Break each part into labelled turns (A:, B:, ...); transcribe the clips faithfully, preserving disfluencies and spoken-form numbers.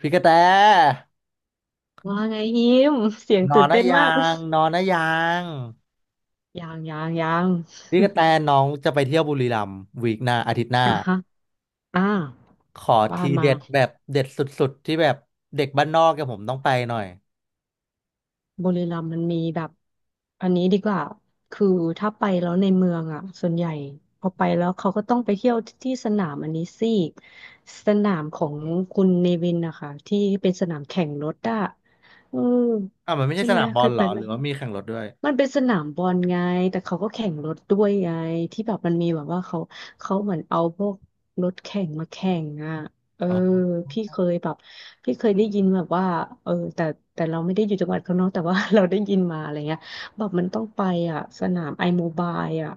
A: พี่กระแต
B: ว่าไงฮิมเสียง
A: นอ
B: ตื่
A: น
B: น
A: นะ
B: เต้นมา
A: ยั
B: ก
A: งนอนนะยัง
B: ยังยังยัง
A: พี่กระแตน้องจะไปเที่ยวบุรีรัมย์วีคหน้าอาทิตย์หน้า
B: อ่ะฮะอ่า
A: ขอ
B: ว่า
A: ที
B: มา
A: เด็ดแบบเด็ดสุดๆที่แบบเด็กบ้านนอกกับผมต้องไปหน่อย
B: บุรีรัมย์มันมีแบบอันนี้ดีกว่าคือถ้าไปแล้วในเมืองอ่ะส่วนใหญ่พอไปแล้วเขาก็ต้องไปเที่ยวที่สนามอันนี้สิสนามของคุณเนวินนะคะที่เป็นสนามแข่งรถอ่ะอืม
A: อ่ะมันไม่ใช่
B: ใช่
A: ส
B: ไหม
A: นามบอ
B: เค
A: ล
B: ย
A: เหร
B: ไป
A: อ
B: ไห
A: ห
B: ม
A: รือว่ามีแข่งรถด้วย
B: มันเป็นสนามบอลไงแต่เขาก็แข่งรถด้วยไงที่แบบมันมีแบบว่าเขา เขาเหมือนเอาพวกรถแข่งมาแข่งอ่ะเออ
A: อ๋อ
B: พี่เคยแบบพี่เคยได้ยินแบบว่าเออแต่แต่เราไม่ได้อยู่จังหวัดเขาเนาะแต่ว่า เราได้ยินมาอะไรเงี้ยแบบมันต้องไปอ่ะสนามไอโมบายอ่ะ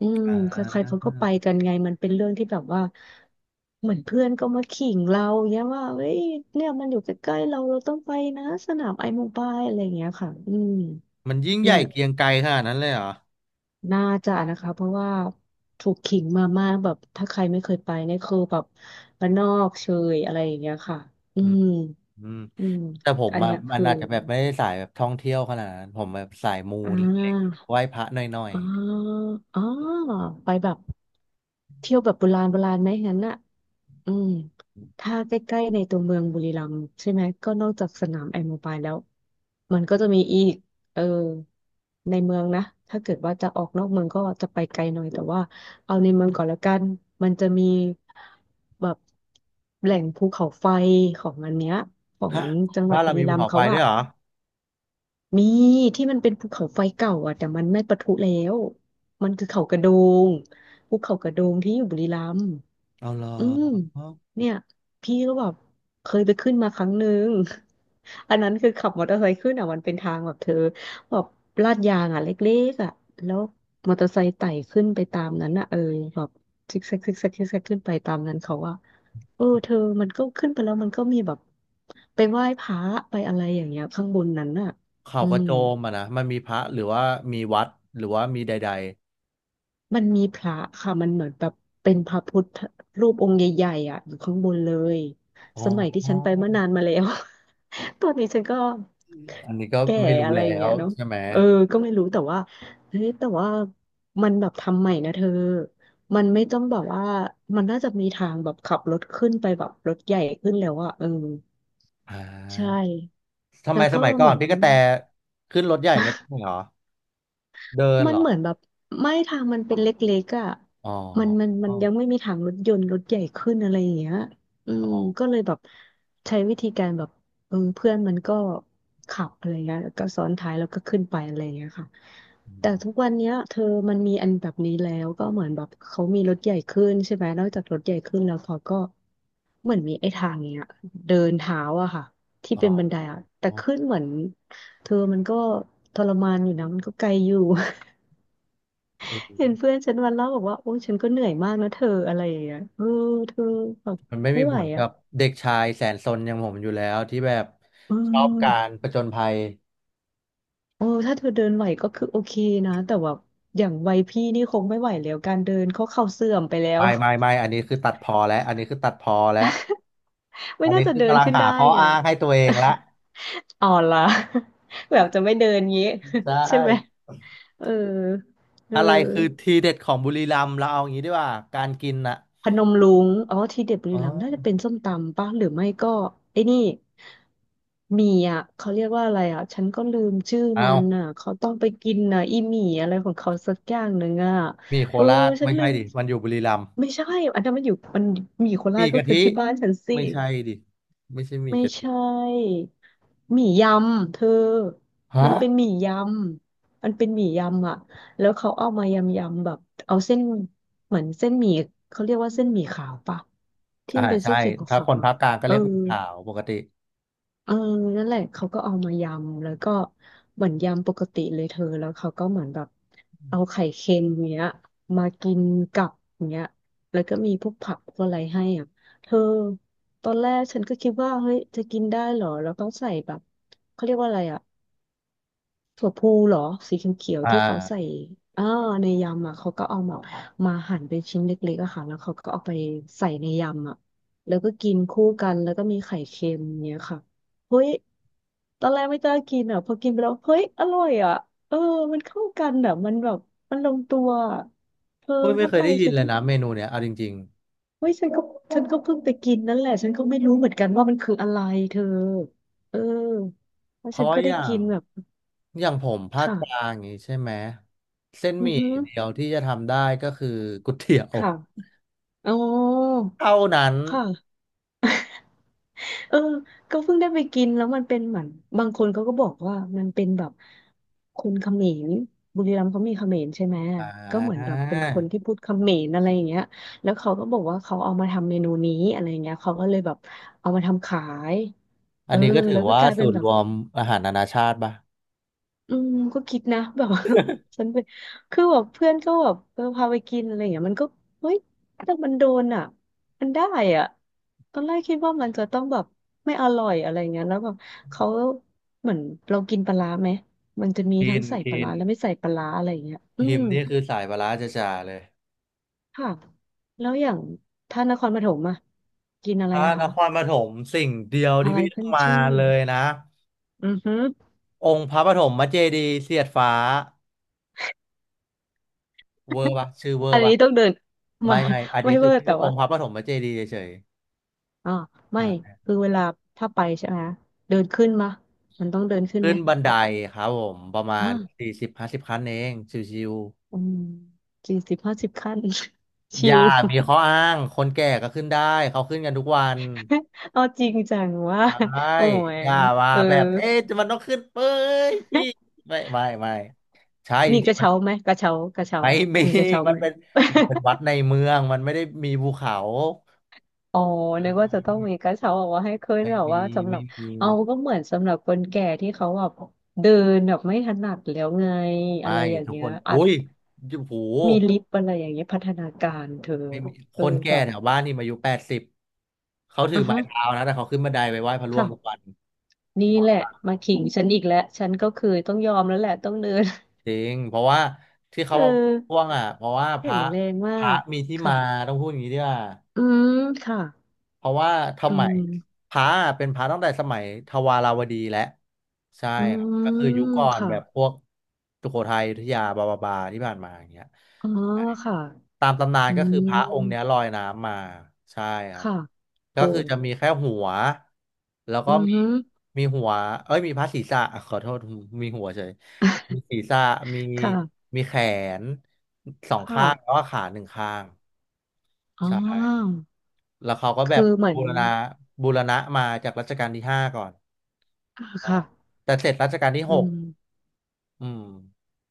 B: อืม
A: อ่
B: ใค
A: า
B: รๆเขาก็ไปกันไงมันเป็นเรื่องที่แบบว่าเหมือนเพื่อนก็มาขิงเราเนี้ยว่าเฮ้ยเนี่ยมันอยู่ใกล้ๆเราเราต้องไปนะสนามไอโมบายอะไรเงี้ยค่ะอืม
A: มันยิ่งให
B: เนี่
A: ญ่
B: ย
A: เกรียงไกรขนาดนั้นเลยเหรอ
B: น่าจะนะคะเพราะว่าถูกขิงมามากแบบถ้าใครไม่เคยไปเนี่ยคือแบบบ้านนอกเชยอะไรอย่างเงี้ยค่ะอื
A: อืม
B: ม
A: อืม
B: อืม
A: แต่ผม
B: อัน
A: อ่ะ
B: เนี้ย
A: มัน
B: คือ
A: อาจจะแบบไม่ได้สายแบบท่องเที่ยวขนาดนั้นผมแบบสายมู
B: อ่
A: เล็ก
B: า
A: ๆไหว้พระหน่อย
B: อ่าอ่าไปแบบเที่ยวแบบโบราณโบราณไหมงั้นน่ะ อืมถ้าใกล้ๆในตัวเมืองบุรีรัมย์ใช่ไหมก็นอกจากสนามแอรโมบายแล้วมันก็จะมีอีกเออในเมืองนะถ้าเกิดว่าจะออกนอกเมืองก็จะไปไกลหน่อยแต่ว่าเอาในเมืองก่อนแล้วกันมันจะมีแบบแหล่งภูเขาไฟของอันเนี้ยขอ
A: ๆ
B: ง
A: ฮะ
B: จังหวั
A: บ้า
B: ด
A: น
B: บุ
A: เรา
B: รี
A: มีภู
B: รัม
A: เขา
B: ย์
A: ไฟ
B: เขา
A: ด้ว
B: อะ
A: ยเหรอ
B: มีที่มันเป็นภูเขาไฟเก่าอะแต่มันไม่ปะทุแล้วมันคือเขากระโดงภูเขากระโดงที่อยู่บุรีรัมย์
A: เอาเหรอ
B: อืมเนี่ยพี่ก็แบบเคยไปขึ้นมาครั้งหนึ่ง อันนั้นคือขับมอเตอร์ไซค์ขึ้นอ่ะมันเป็นทางแบบเธอแบบลาดยางอ่ะเล็กๆอ่ะแล้วมอเตอร์ไซค์ไต่ขึ้นไปตามนั้นอ่ะเออแบบซิกแซกซิกแซกซิกแซกขึ้นไปตามนั้นเขาว่าเออเธอมันก็ขึ้นไปแล้วมันก็มีแบบไปไหว้พระไปอะไรอย่างเงี้ยข้างบนนั้นอ่ะ
A: เขา
B: อื
A: กระ
B: ม
A: โจมอะนะมันมีพระหรือว่ามีวัดหรือว่ามีใด
B: มันมีพระค่ะ มันเหมือนแบบเป็นพระพุทธรูปองค์ใหญ่ๆอ่ะอยู่ข้างบนเลย
A: ๆอ๋อ
B: สมัยที่ฉันไปเมื่อนานมาแล้ว ตอนนี้ฉันก็
A: อันนี้ก็
B: แก่
A: ไม่รู้
B: อะไรอ
A: แล้
B: ย่าง
A: ว
B: เงี้ยเนาะ
A: ใช่ไหม
B: เออก็ไม่รู้แต่ว่าเฮ้ยแต่ว่ามันแบบทำใหม่นะเธอ มันไม่ต้องแบบว่ามันน่าจะมีทางแบบขับรถขึ้นไปแบบรถใหญ่ขึ้นแล้วอ่ะเออ
A: อ่า
B: ใช่
A: ทำไม
B: แล้ว
A: ส
B: ก็
A: มัยก่อ
B: เห
A: น
B: มือน
A: พี่กระแตขึ้นรถใหญ่ไม่ได้เหรอเดิน
B: มั
A: เห
B: น
A: รอ
B: เหมือนแบบไม่ทางมันเป็นเล็กๆอ่ะ
A: อ๋อ
B: มันมันมั
A: อ๋อ
B: นยังไม่มีทางรถยนต์รถใหญ่ขึ้นอะไรอย่างเงี้ยอื
A: อ๋
B: ม
A: อ
B: ก็เลยแบบใช้วิธีการแบบเออเพื่อนมันก็ขับอะไรเงี้ยแล้วก็ซ้อนท้ายแล้วก็ขึ้นไปอะไรเงี้ยค่ะแต่ทุกวันเนี้ยเธอมันมีอันแบบนี้แล้วก็เหมือนแบบเขามีรถใหญ่ขึ้นใช่ไหมนอกจากรถใหญ่ขึ้นแล้วเขาก็เหมือนมีไอ้ทางเนี้ยเดินเท้าอะค่ะที่
A: อ๋
B: เป็นบันได
A: อ
B: อะแต่ขึ้นเหมือนเธอมันก็ทรมานอยู่นะมันก็ไกลอยู่
A: เ
B: เห็น
A: ออ
B: เพื่อนฉันวันเล่าบอกว่าโอ้ฉันก็เหนื่อยมากนะเธออะไรอย่างเงี้ยเออเธอแบบ
A: มันไม่
B: ไม่
A: มีผ
B: ไหว
A: ลกั
B: อ่ะ
A: บเด็กชายแสนซนอย่างผมอยู่แล้วที่แบบ
B: เอ
A: ชอบ
B: อ
A: การผจญภัย
B: โอ้ถ้าเธอเดินไหวก็คือโอเคนะแต่ว่าอย่างวัยพี่นี่คงไม่ไหวแล้วการเดินเขาเข่าเสื่อมไปแล้ว
A: ไม่ไม่ไม่อันนี้คือตัดพอแล้วอันนี้คือตัดพอแล้ว
B: ไม่
A: อัน
B: น่า
A: นี้
B: จะ
A: คือ
B: เดิน
A: กำลัง
B: ขึ้น
A: หา
B: ได้
A: ข้อ
B: ไง
A: อ้างให้ตัวเองละ
B: อ่อนละ แบบจะไม่เดินงี้
A: ใช
B: ใช่ไหม
A: ่
B: เออเอ
A: อะไรคือ
B: อ
A: ทีเด็ดของบุรีรัมย์เราเอาอย่างนี้ดีกว่าการกินน่ะ
B: พนมรุ้งอ๋อที่เด็ดบุ
A: เ
B: รีรัมย์น่าจะ
A: ออ
B: เป็นส้มตำป่ะหรือไม่ก็ไอ้นี่หมี่อ่ะเขาเรียกว่าอะไรอ่ะฉันก็ลืมชื่อ
A: เ
B: มันอ่ะ
A: อา
B: เขาต้องไปกินอ่ะอีหมี่อะไรของเขาสักอย่างหนึ่งอ่ะ
A: หมี่โค
B: เออ
A: ราช
B: ฉัน
A: ไม่
B: ลื
A: ใช่
B: ม
A: ดิมันอยู่บุรีรัมย์
B: ไม่ใช่อันนั้นมันอยู่มันหมี่โค
A: ห
B: ราช
A: มี่
B: ก็
A: กะ
B: คื
A: ทิ
B: อที่บ้านฉันสิ
A: ไม่ใช่ดิไม่ใช่หมี่
B: ไม่
A: กะทิ
B: ใช่หมี่ยำเธอ
A: ฮะ
B: มันเป็นหมี่ยำมันเป็นหมี่ยำอ่ะแล้วเขาเอามายำๆแบบเอาเส้นเหมือนเส้นหมี่เขาเรียกว่าเส้นหมี่ขาวปะ ที่
A: อ่า
B: มันเป็น
A: ใช่
B: เส้นสีข
A: ถ้า
B: า
A: ค
B: ว
A: น
B: ๆอะ
A: ภาคกลางก็
B: เออ
A: เรียกหมี่ขาวปกติ
B: เออนั่นแหละเขาก็เอามายำ แล้วก็เหมือนยำปกติเลยเธอ แล้วเขาก็เหมือนแบบเอาไข่เค็มเนี้ยมากินกับเนี้ยแล้วก็มีพวกผักพวกอะไรให้อ่ะเธอตอนแรกฉันก็คิดว่าเฮ้ยจะกินได้เหรอ แล้วก็ใส่แบบเขาเรียกว่าอะไรอ่ะ ถั่วพูเหรอสีเขียว
A: อ่
B: ๆที่เขาใส่
A: า
B: อ่าในยำอ่ะเขาก็เอามามาหั่นเป็นชิ้นเล็กๆอะค่ะแล้วเขาก็เอาไปใส่ในยำอ่ะแล้วก็กินคู่กันแล้วก็มีไข่เค็มเนี้ยค่ะเฮ้ยตอนแรกไม่กล้ากินอ่ะพอกินไปแล้วเฮ้ยอร่อยอ่ะเออมันเข้ากันอ่ะมันแบบมันลงตัวอะเธอ
A: ก็ไม่
B: ถ้า
A: เค
B: ไป
A: ยได้ยิ
B: คื
A: น
B: อ
A: เล
B: ต้อ
A: ย
B: ง
A: นะเมนูเนี้ยเอาจริง
B: เฮ้ยฉันก็ฉันก็เพิ่งไปกินนั่นแหละฉันก็ไม่รู้เหมือนกันว่ามันคืออะไรเธอเออแล้
A: ๆ
B: ว
A: เพ
B: ฉัน
A: ราะ
B: ก็
A: อ
B: ได้
A: ย่า
B: กิ
A: ง
B: นแบบ
A: อย่างผมภาคกลา
B: ค่ะ
A: งอย่างนี้ใช่ไหมเส้น
B: อื
A: ห
B: อ
A: มี่
B: ฮึ
A: เดียวที่จะทำได้ก็คือก๋วยเตี๋ยว
B: ค่ะ อ๋อ
A: เท่านั้น
B: ค่ะเออก็เพิ่งได้ไปกินแล้วมันเป็นเหมือนบางคนเขาก็บอกว่ามันเป็นแบบคนเขมรบุรีรัมย์เขามีเขมรใช่ไหม
A: อ่
B: ก็เหมือนแบบเป็นคนที่
A: า
B: พูดเขมรอะไรอย่างเงี้ยแล้วเขาก็บอกว่าเขาเอามาทำเมนูนี้อะไรอย่างเงี้ยเขาก็เลยแบบเอามาทำขายเอ
A: อัน
B: อ
A: นี้ก็ถื
B: แล้
A: อ
B: วก็
A: ว่า
B: กลายเป็
A: สู
B: น
A: ตร
B: แบ
A: ร
B: บ
A: วมอาหารนานาชาติป่ะ
B: อืมก็คิดนะ แบบว่า ฉันไปคือแบบเพื่อนก็แบบเออพาไปกินอะไรอย่างเงี้ยมันก็เฮ้ยแต่มันโดนอ่ะมันได้อ่ะตอนแรกคิดว่ามันจะต้องแบบไม่อร่อยอะไรเงี้ยแล้วแบบเขาเหมือนเรากินปลาร้าไหมมันจะมี
A: กิ
B: ทั้ง
A: น
B: ใส่ปลา
A: กิ
B: ร้า
A: น
B: และไม่ใส่ปลาร้าอะไรเงี้ยอื
A: หิม
B: ม
A: นี่คือสายปลาร้าจ๋าๆเลย
B: ค่ะแล้วอย่างท่านนครปฐมอ่ะกินอะไร
A: ถ้า
B: อะ
A: น
B: คะ
A: ครปฐมสิ่งเดียว
B: อะ
A: ที่
B: ไร
A: พี่ต้อ
B: ขึ้น
A: งมา
B: ชื่อ
A: เลยนะ
B: อือฮึอ
A: องค์พระปฐมเจดีย์เสียดฟ้าเวอร์ป่ะชื่อเวอ
B: อั
A: ร์
B: น
A: ป่ะ
B: นี้ต้องเดิน
A: ไม่
B: มา
A: ไม่อัน นี้
B: ไม่
A: คื
B: เว
A: อ
B: อร์
A: ชื่
B: แต่
A: ออ
B: ว่า
A: งค์พระปฐมเจดีย์เฉย
B: อ่า
A: ๆ
B: ไม่
A: นะ
B: คือเวลาถ้าไปใช่ไหมเดินขึ้นมามันต้องเดินขึ้น
A: ขึ้
B: ไหม
A: นบันไดครับผมประมาณ
B: อ่า
A: สี่สิบห้าสิบขั้นเองชิว
B: อืมสี่สิบห้าสิบขั้น
A: ๆอ
B: ชิ
A: ย่า
B: ว
A: มีข้ออ้างคนแก่ก็ขึ้นได้เขาขึ้นกันทุกวัน
B: เอาจริงจังว่า
A: ใช่
B: โอ้ย
A: อย่ามา
B: เออ
A: แบบเอ๊ะมันต้องขึ้นเป้ยพี่ ไม่ ไม่ไม่ใช่จ
B: มีก
A: ริง
B: ระ
A: ๆมัน
B: เช้าไหมกระเช้ากระเช้า
A: ไม่มี
B: มีกระเช้า
A: มั
B: ไห
A: น
B: ม
A: เป็นมันเป็นวัดในเมืองมันไม่ได้มีภูเขา
B: อ๋อนึกว่าจะต้องมีกระเช้าเอาไว่าให้ขึ้น
A: ไม่
B: หรอ
A: มี
B: ว่าสำหรั
A: ไม่
B: บ
A: มี
B: เอาก็เหมือนสำหรับคนแก่ที่เขาแบบเดินแบบไม่ถนัดแล้วไงอะ
A: ไม่
B: ไรอย่าง
A: ทุก
B: เงี้
A: ค
B: ย
A: น
B: อา
A: อุ้
B: จ
A: ยโอ้โห
B: มีลิฟต์อะไรอย่างเงี้ยพัฒนาการเธอ
A: ไม่มีค
B: เออ
A: น
B: แบ
A: แก่
B: บ
A: แถวบ้านนี่มาอายุแปดสิบเขาถือ
B: อ่ะ
A: ไม้
B: ฮะ
A: เท้านะแต่เขาขึ้นบันไดไปไหว้พระร่วงทุกวั
B: ค่ะ
A: น
B: นี่แหละมาขิงฉันอีกแล้วฉันก็คือต้องยอมแล้วแหละต้องเดิน
A: จริงเพราะว่าที่ เขา
B: เอ
A: มาพ่วง
B: อ
A: อ่ะเพราะว่าพ
B: แข็
A: ระ
B: งแรงมา
A: พระ
B: ก
A: มีที่มา
B: ค่ะ
A: ต้องพูดอย่างนี้ด้วย
B: อืมค่ะ
A: เพราะว่า
B: อื
A: ทำไม
B: ม
A: พระอะเป็นพระตั้งแต่สมัยทวาราวดีแล้วใช่
B: อื
A: ครับก็คือยุค
B: ม
A: ก่อน
B: ค่ะ
A: แบบพวกสุโขทัยอยุธยาบาบาบาที่ผ่านมาอย่างเงี้ย
B: อ๋อ
A: ใช่
B: ค่ะ
A: ตามตำนาน
B: อื
A: ก็คือ
B: ม
A: พระองค์เนี้ยลอยน้ำมาใช่ครับ
B: ค่ะ
A: ก็
B: โอ้
A: คือจะมีแค่หัวแล้ว
B: อื
A: ก็มี
B: ม
A: มีหัวเอ้ยมีพระศีรษะขอโทษมีหัวเฉยมีศีรษะมี
B: ค่ะ
A: มีแขนสอง
B: ค
A: ข้างแล้ว
B: ่ะ
A: ก็ขาหนึ่งข้าง
B: อ๋
A: ใช่
B: อ
A: แล้วเขาก็แบบ
B: คือเหมือ
A: บู
B: น
A: รณะบูรณะมาจากรัชกาลที่ห้าก่อน
B: อ่าค่ะ
A: แต่เสร็จรัชกาลที่
B: อื
A: หก
B: ม
A: อืม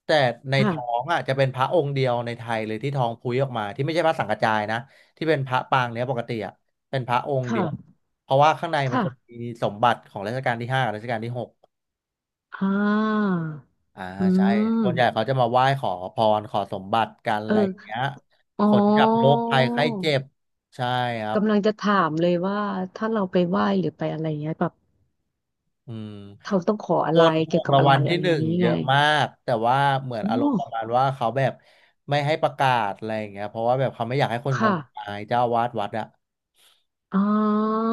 A: แต่ในท้อง
B: ค่ะ
A: อ่ะจะเป็นพระองค์เดียวในไทยเลยที่ท้องพุ้ยออกมาที่ไม่ใช่พระสังกระจายนะที่เป็นพระปางเนี้ยปกติอ่ะเป็นพระองค์เดียว
B: ค่ะ
A: เพราะว่าข้างในมันจะมี
B: ค่ะ
A: สมบัติของรัชกาลที่ห้ากับรัชกาลที่หก
B: อ่า
A: อ่า
B: อื
A: ใช่ส่วนใหญ่เขา
B: ม
A: จะมาไหว้ขอพรขอสมบัติกันอะ
B: เอ
A: ไรอ
B: อ
A: ย่างเงี้ย
B: อ๋
A: ผลจากโร
B: อ
A: คภัยไข้เจ็บใช่ครับ
B: กำลังจะถามเลยว่าถ้าเราไปไหว้หรือไปอะไรเงี้ยแบบ
A: อืม
B: เราต้องขอ
A: ค
B: อะไร
A: นถู
B: เกี่ย
A: ก
B: วกับ
A: ราง
B: อะ
A: วั
B: ไร
A: ลที่
B: อะไร
A: ห
B: อย่า
A: นึ่
B: ง
A: ง
B: งี้
A: เย
B: ไง
A: อะมากแต่ว่าเหมือน
B: โอ
A: อารมณ์ประมาณ
B: ้
A: ว่าเขาแบบไม่ให้ประกาศอะไรอย่างเงี้ยเพราะว่าแบบเขาไม่อยากให้คนง
B: ค่ะ
A: มงายเจ้าอาวาสวัดอะ
B: อ่า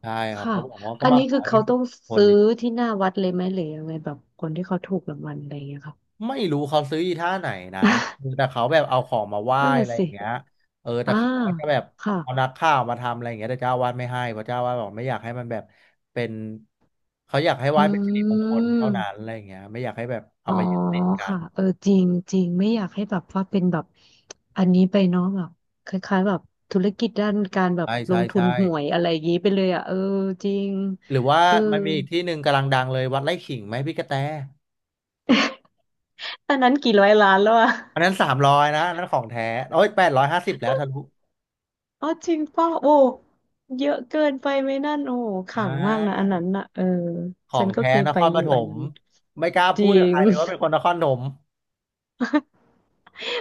A: ใช่ครับ
B: ค่ะ
A: เขาบอกว่าก็
B: อัน
A: มา
B: นี้
A: ขอ
B: คือ
A: ให้เป็
B: เขา
A: นสิ
B: ต้
A: บ
B: อง
A: คน
B: ซื้
A: ดิ
B: อที่หน้าวัดเลยไหมหรือยังไงแบบคนที่เขาถูกรางวัลอะไรอย่างเงี้ยค่ะ
A: ไม่รู้เขาซื้ออีท่าไหนนะแต่เขาแบบเอาของมาไหว้
B: นั่น
A: อะ
B: น่ะ
A: ไรอ
B: สิ
A: ย่างเงี้ยเออแต่
B: อ่า
A: เขาก็จะแบบ
B: ค่ะ
A: เอานักข่าวมาทำอะไรอย่างเงี้ยแต่เจ้าอาวาสไม่ให้เพราะเจ้าอาวาสบอกไม่อยากให้มันแบบเป็นเขาอยากให้ไห
B: อ
A: ว้เป็นสิริ
B: ื
A: มงคลเท่า
B: ม
A: นั้นอะไรอย่างเงี้ยไม่อยากให้แบบเอา
B: อ๋อ
A: มายึดติดกั
B: ค่ะ
A: น
B: เออจริงจริงไม่อยากให้แบบว่าเป็นแบบอันนี้ไปเนาะแบบคล้ายๆแบบธุรกิจด้านการแบบ
A: ใช่
B: ล
A: ใช่
B: งทุน
A: ใช่
B: หวยอะไรอย่างนี้ไปเลยอ่ะเออจริง
A: หรือว่า
B: เออ
A: มันมีอีกที่หนึ่งกำลังดังเลยวัดไร่ขิงไหมพี่กระแต
B: ตอนนั้นกี่ร้อยล้านแล้วอะ
A: อันนั้นสามร้อยนะอันนั้นของแท้โอ้ยแปดร้อยห้าสิบแล้วทะลุ
B: อ๋อจริงป่ะโอ้เยอะเกินไปไหมนั่นโอ้ข
A: ใช
B: ลังมากนะอัน
A: ่
B: นั้นน่ะเออ
A: ขอ
B: ฉั
A: ง
B: นก็
A: แท้
B: เคย
A: น
B: ไป
A: คร
B: อ
A: ป
B: ยู่
A: ฐ
B: อัน
A: ม
B: นั้น
A: ไม่กล้า
B: จ
A: พู
B: ริ
A: ดกับใค
B: ง
A: รเลยว่าเป็นคนนครปฐม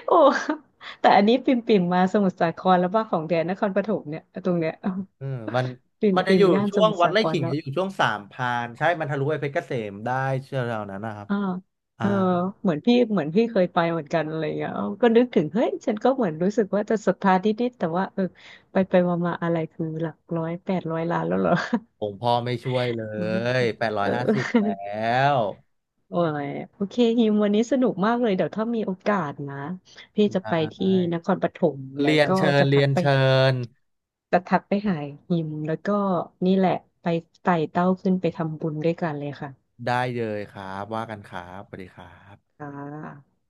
B: โอ้ แต่อันนี้ปิ่มปิ่มมาสมุทรสาครแล้วว่าของแดนนครปฐมเนี่ยตรงเนี้ย
A: เออมัน
B: ปิ่ม
A: มันจะ
B: ปิ่
A: อ
B: ม
A: ยู่
B: ย่าน
A: ช่
B: ส
A: วง
B: มุทร
A: วัด
B: สา
A: ไร่
B: คร
A: ขิง
B: แล้ว
A: จะอยู่ช่วงสามพรานใช่มันทะลุไปเพชรเกษมได้เชื่อเรานั้นนะครับ
B: อ่าเอ
A: อ่า
B: อเหมือนพี่เหมือนพี่เคยไปเหมือนกันอะไรอย่างเงี้ยเออก็นึกถึงเฮ้ยฉันก็เหมือนรู้สึกว่าจะศรัทธานิดๆแต่ว่าเออไปไปมามาอะไรคือหลักร้อยแปดร้อยล้านแล้วเหรอ
A: ผมพ่อไม่ช่วยเล
B: อืม
A: ยแปด ร้
B: เอ
A: อย
B: อ
A: ห้าสิบแล้ว
B: โอ้ยโอเคฮิมวันนี้สนุกมากเลยเดี๋ยวถ้ามีโอกาสนะพี่จะไป
A: ใช่
B: ที่นครปฐมแล้ว
A: เรียน
B: ก็
A: เชิญ
B: จะทั
A: เรีย
B: ก
A: น
B: ไป
A: เชิญ
B: แต่ทักไปหาหิมแล้วก็นี่แหละไปไต่เต้าขึ้นไปทำบุญด้วยกันเลยค่ะ
A: ได้เลยครับว่ากันครับสวัสดีครับ
B: ค่ะ